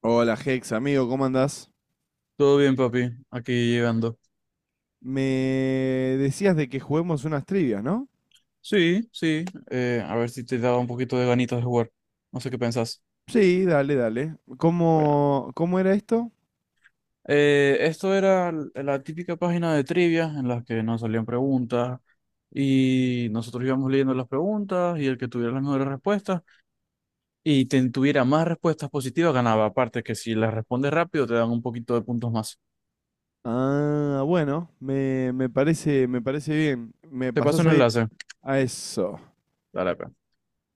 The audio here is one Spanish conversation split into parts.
Hola Hex, amigo, ¿cómo andás? Todo bien, papi. Aquí llegando. Me decías de que juguemos unas trivias, ¿no? Sí, sí. A ver si te daba un poquito de ganitas de jugar. No sé qué pensás. Sí, dale, dale. Bueno. ¿Cómo era esto? Esto era la típica página de trivia en la que nos salían preguntas y nosotros íbamos leyendo las preguntas y el que tuviera las mejores respuestas y tuviera más respuestas positivas ganaba. Aparte que si las respondes rápido te dan un poquito de puntos más. Ah, bueno, me parece bien. ¿Me Te paso pasás un ahí enlace. a eso? Dale, pe.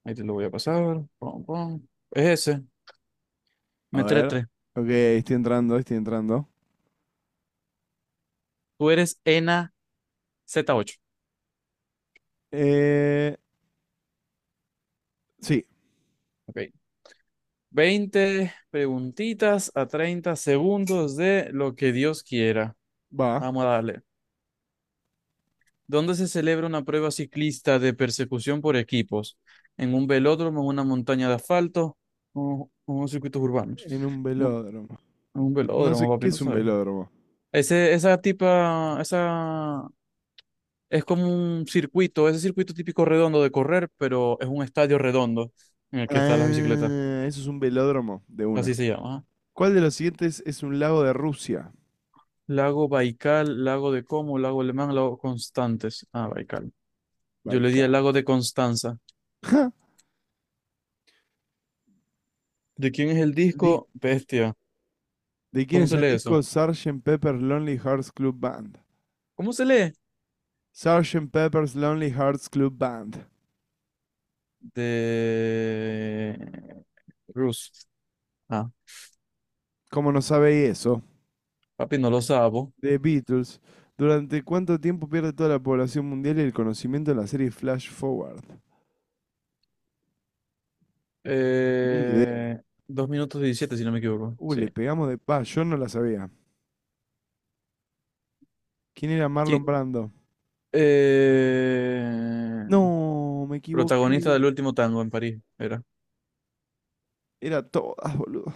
Ahí te lo voy a pasar. Pum, pum. Es ese. A Metre ver. 3. Ok, estoy entrando, estoy entrando. Tú eres ENA Z8. Eh, sí, Ok. 20 preguntitas a 30 segundos de lo que Dios quiera. va. Vamos a darle. ¿Dónde se celebra una prueba ciclista de persecución por equipos? ¿En un velódromo, en una montaña de asfalto o en unos circuitos urbanos? En un No, velódromo. en un No velódromo, sé, papi, ¿qué no es un sabes. velódromo? Ese, esa tipa, esa es como un circuito, ese circuito típico redondo de correr, pero es un estadio redondo en el que están las bicicletas. Ah, eso es un velódromo de Así una. se llama. ¿Cuál de los siguientes es un lago de Rusia? Lago Baikal, lago de Como, lago Alemán, lago Constantes. Ah, Baikal. Yo le di al Baikal. lago de Constanza. ¿De quién es el disco? Bestia. ¿De quién ¿Cómo es se el lee eso? disco Sergeant Pepper's Lonely Hearts Club Band? ¿Cómo se lee? Sergeant Pepper's Lonely Hearts Club Band. De Rus. Ah, ¿Cómo no sabéis eso? papi, no lo sabo. The Beatles. ¿Durante cuánto tiempo pierde toda la población mundial el conocimiento de la serie Flash Forward? Ni idea. Eh, 2 minutos 17, si no me equivoco. Uy, Sí. le pegamos de paz, yo no la sabía. ¿Quién era Marlon ¿Quién? Brando? Eh, No, me Protagonista equivoqué. del último tango en París, era. Era todas, boludo.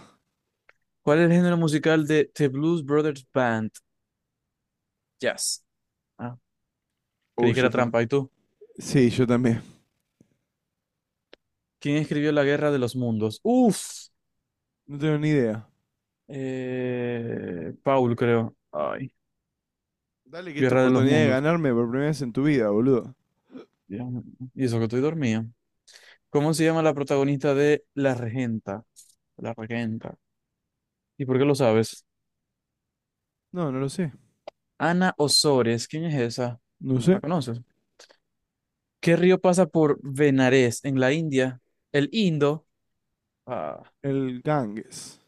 ¿Cuál es el género musical de The Blues Brothers Band? Jazz. Ah, creí que Yo era también. trampa. ¿Y tú? Sí, yo también. ¿Quién escribió La Guerra de los Mundos? Uf, No tengo ni idea. Paul, creo. Ay, Dale que es tu Guerra de los oportunidad de Mundos. ganarme por primera vez en tu vida, boludo. Dios mío. Y eso que estoy dormido. ¿Cómo se llama la protagonista de La Regenta? La Regenta. ¿Y por qué lo sabes? No, no lo sé. Ana Osores. ¿Quién es esa? No sé. ¿La conoces? ¿Qué río pasa por Benares en la India? El Indo. Ah, El Ganges.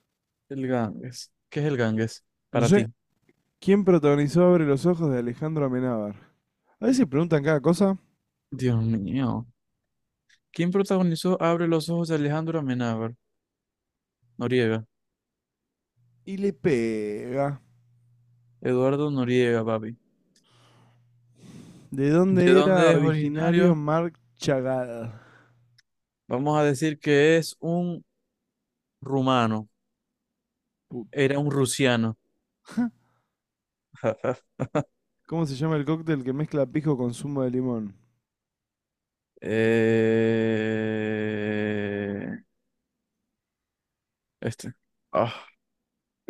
el Ganges. ¿Qué es el Ganges No para sé. ti? ¿Quién protagonizó Abre los Ojos de Alejandro Amenábar? A veces preguntan cada cosa Dios mío. ¿Quién protagonizó Abre los ojos de Alejandro Amenábar? Noriega. y le pega. Eduardo Noriega, papi. ¿De ¿De dónde era dónde es originario originario? Mark Chagall? Vamos a decir que es un rumano. Put- Era un rusiano. ¿Cómo se llama el cóctel que mezcla pisco con zumo de limón? Eh, Este. Ah,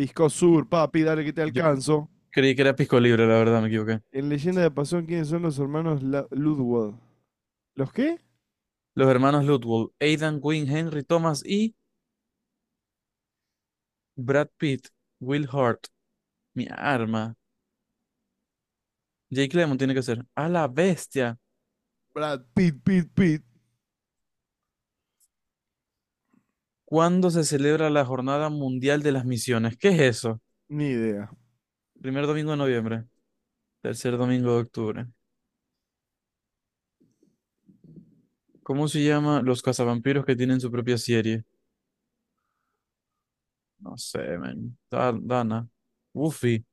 Pisco Sur, papi, dale que te yo alcanzo. creí que era Pisco Libre, la verdad, me equivoqué. En Leyenda de Pasión, ¿quiénes son los hermanos Ludwig? ¿Los qué? Los hermanos Ludwig, Aidan Quinn, Henry Thomas y Brad Pitt, Will Hurt, mi arma. Jake Lemmon tiene que ser. A la bestia. Brad Pitt, Pitt, Pitt. ¿Cuándo se celebra la Jornada Mundial de las Misiones? ¿Qué es eso? Ni idea. Primer domingo de noviembre. Tercer domingo de octubre. ¿Cómo se llama los cazavampiros que tienen su propia serie? No sé, man. Dana. Buffy.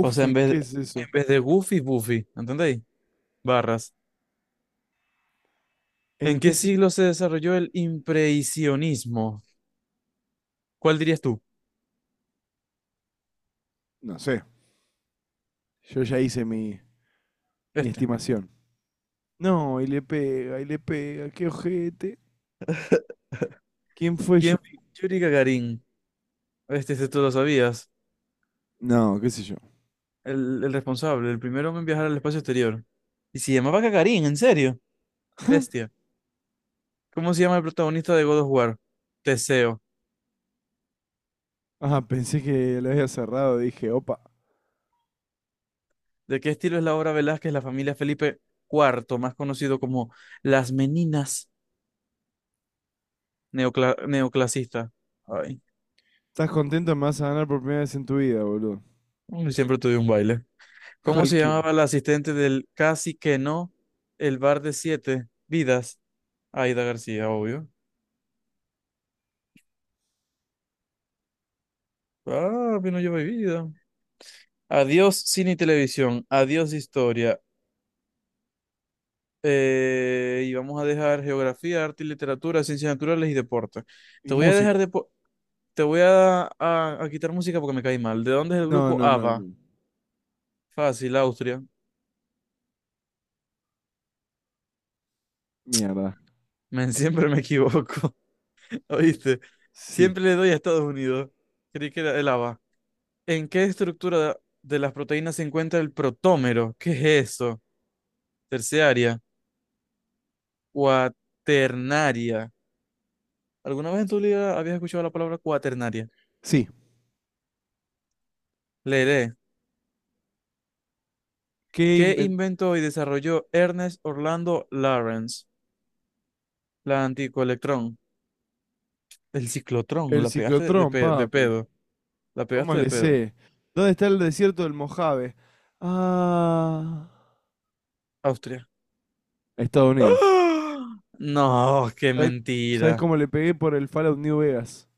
O sea, ¿qué es en eso? vez de Goofy, Buffy. ¿Entendéis? Barras. ¿En ¿En qué qué si- siglo se desarrolló el impresionismo? ¿Cuál dirías tú? No sé. Yo ya hice mi, mi Este. estimación. No, y le pega, qué ojete. ¿Quién fue ¿Quién fue Yuri? Yuri Gagarin? Este tú lo sabías. No, qué sé yo. El responsable, el primer hombre en viajar al espacio exterior. Y se llamaba Gagarin, ¿en serio? Bestia. ¿Cómo se llama el protagonista de God of War? Teseo. Ah, pensé que la había cerrado, dije, opa. ¿De qué estilo es la obra Velázquez, la familia Felipe IV, más conocido como Las Meninas neoclasista? Ay, ¿Estás contento? Me vas a ganar por primera vez en tu vida, boludo. uy, siempre tuve un baile. ¿Cómo se Cualquiera. llamaba la asistente del Casi que no, el bar de siete vidas? Aida García, obvio. Ah, pero no lleva vida. Adiós cine y televisión, adiós historia. Y vamos a dejar geografía, arte y literatura, ciencias naturales y deporte. Y Te voy a dejar música. de Te voy a, a quitar música porque me caí mal. ¿De dónde es el No, grupo no, no, ABBA? no. Fácil, Austria. Mierda. Men, siempre me equivoco, ¿oíste? Sí. Siempre le doy a Estados Unidos. Creí que era el ABBA. ¿En qué estructura de las proteínas se encuentra el protómero? ¿Qué es eso? Terciaria, cuaternaria. ¿Alguna vez en tu vida habías escuchado la palabra cuaternaria? Sí. Leeré. ¿Qué ¿Qué inventó? inventó y desarrolló Ernest Orlando Lawrence? La anticoelectrón. El ciclotrón, El la pegaste de, ciclotrón, de papi. pedo. La ¿Cómo pegaste de le pedo. sé? ¿Dónde está el desierto del Mojave? Ah. Austria. Estados Unidos. ¡Ah! No, qué ¿Sabes sabes mentira. cómo le pegué por el Fallout New Vegas?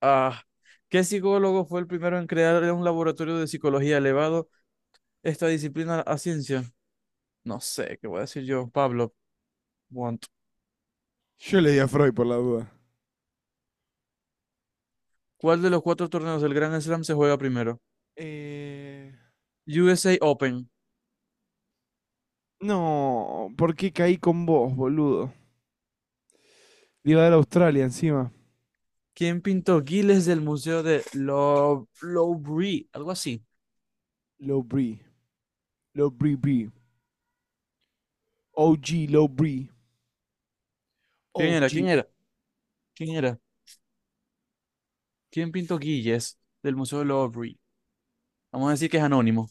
Ah, ¿qué psicólogo fue el primero en crear un laboratorio de psicología elevado esta disciplina a ciencia? No sé, ¿qué voy a decir yo? Pablo, want. Yo leí a Freud por la duda. ¿Cuál de los cuatro torneos del Grand Slam se juega primero? Eh, USA Open. No, ¿por qué caí con vos, boludo? Le iba a dar a Australia encima. ¿Quién pintó Giles del Museo de Louvre? Algo así. Low Bree. Low Bree Bree. OG Low Bree. ¿Quién era? ¿Quién OG. era? ¿Quién era? ¿Quién pintó Giles del Museo de Louvre? Vamos a decir que es anónimo.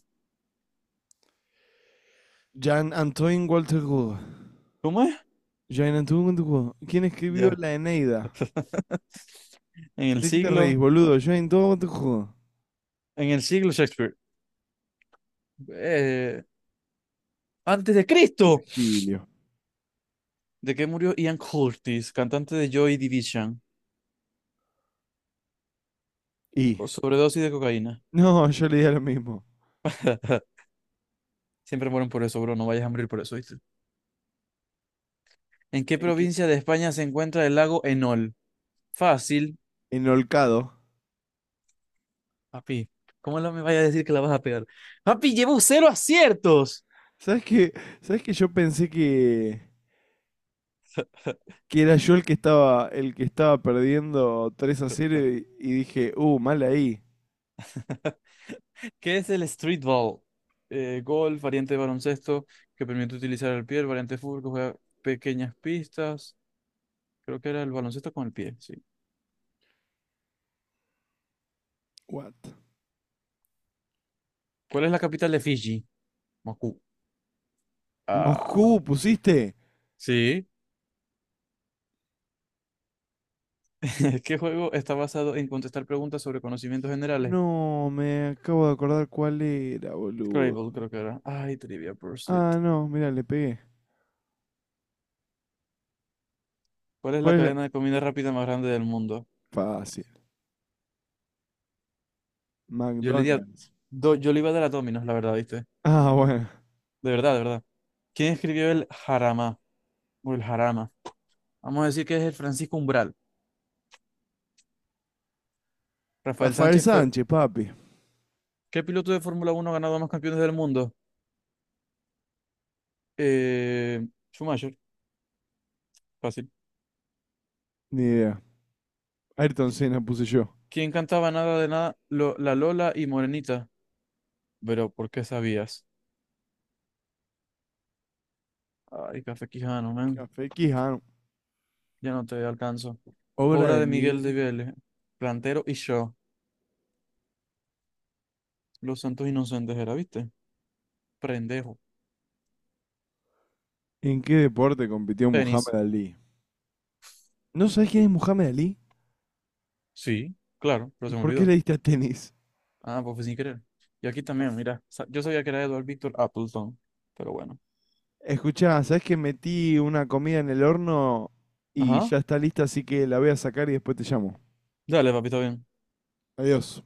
Jean Antoine Walter Gould. ¿Cómo es? Jean Antoine Walter Gould. ¿Quién escribió Ya la Eneida? En el ¿De qué te reís, siglo, boludo? Jean Antoine Walter Gould. en el siglo Shakespeare. eh, Antes de Cristo, Virgilio. de que murió Ian Curtis, cantante de Joy Division, Y. por sobredosis de cocaína. No, yo le di a lo mismo. Siempre mueren por eso, bro. No vayas a morir por eso, ¿viste? ¿En qué ¿En qué? provincia de España se encuentra el lago Enol? Fácil, En Olcado. papi. ¿Cómo no me vaya a decir que la vas a pegar? Papi, llevo 0 aciertos. ¿Sabes qué? Yo pensé que era yo el que estaba perdiendo 3-0 y dije, mal ahí." ¿Qué es el streetball? Golf, variante de baloncesto que permite utilizar el pie, el variante de fútbol que juega pequeñas pistas. Creo que era el baloncesto con el pie, sí. What? ¿Cuál es la capital de Fiji? Moscú. Ah, Moscú, ¿pusiste? sí. ¿Qué juego está basado en contestar preguntas sobre conocimientos generales? No, me acabo de acordar cuál era, boludo. Scrabble, creo que era. Ay, Trivia Pursuit. Ah, no, mira, le pegué. ¿Cuál es la ¿Cuál es la...? cadena de comida rápida más grande del mundo? Fácil. Yo le di McDonald's. Yo le iba a dar a Domino's, la verdad, ¿viste? Ah, bueno. De verdad, de verdad. ¿Quién escribió el Jarama? O el Jarama. Vamos a decir que es el Francisco Umbral. Rafael Rafael Sánchez fue... Sánchez, papi. ¿Qué piloto de Fórmula 1 ha ganado más campeones del mundo? Eh... Schumacher. Fácil. Ni idea. Ayrton Senna puse yo. ¿Quién cantaba nada de nada? La Lola y Morenita. Pero, ¿por qué sabías? Ay, Café Quijano, man. Café Quijano. Ya no te alcanzo. Obra Obra de de Miguel de Miguel. Vélez. Plantero y yo. Los Santos Inocentes era, ¿viste? Prendejo. ¿En qué deporte compitió Tenis. Muhammad Ali? ¿No sabés quién es Muhammad Ali? Sí, claro, pero ¿Y se me por qué le olvidó. diste a tenis? Ah, pues fue sin querer. Y aquí también, mira. Yo sabía que era Edward Victor Appleton. Pero bueno. Escuchá, ¿sabés que metí una comida en el horno y Ajá. ya está lista, así que la voy a sacar y después te llamo? Dale, papito, bien. Adiós.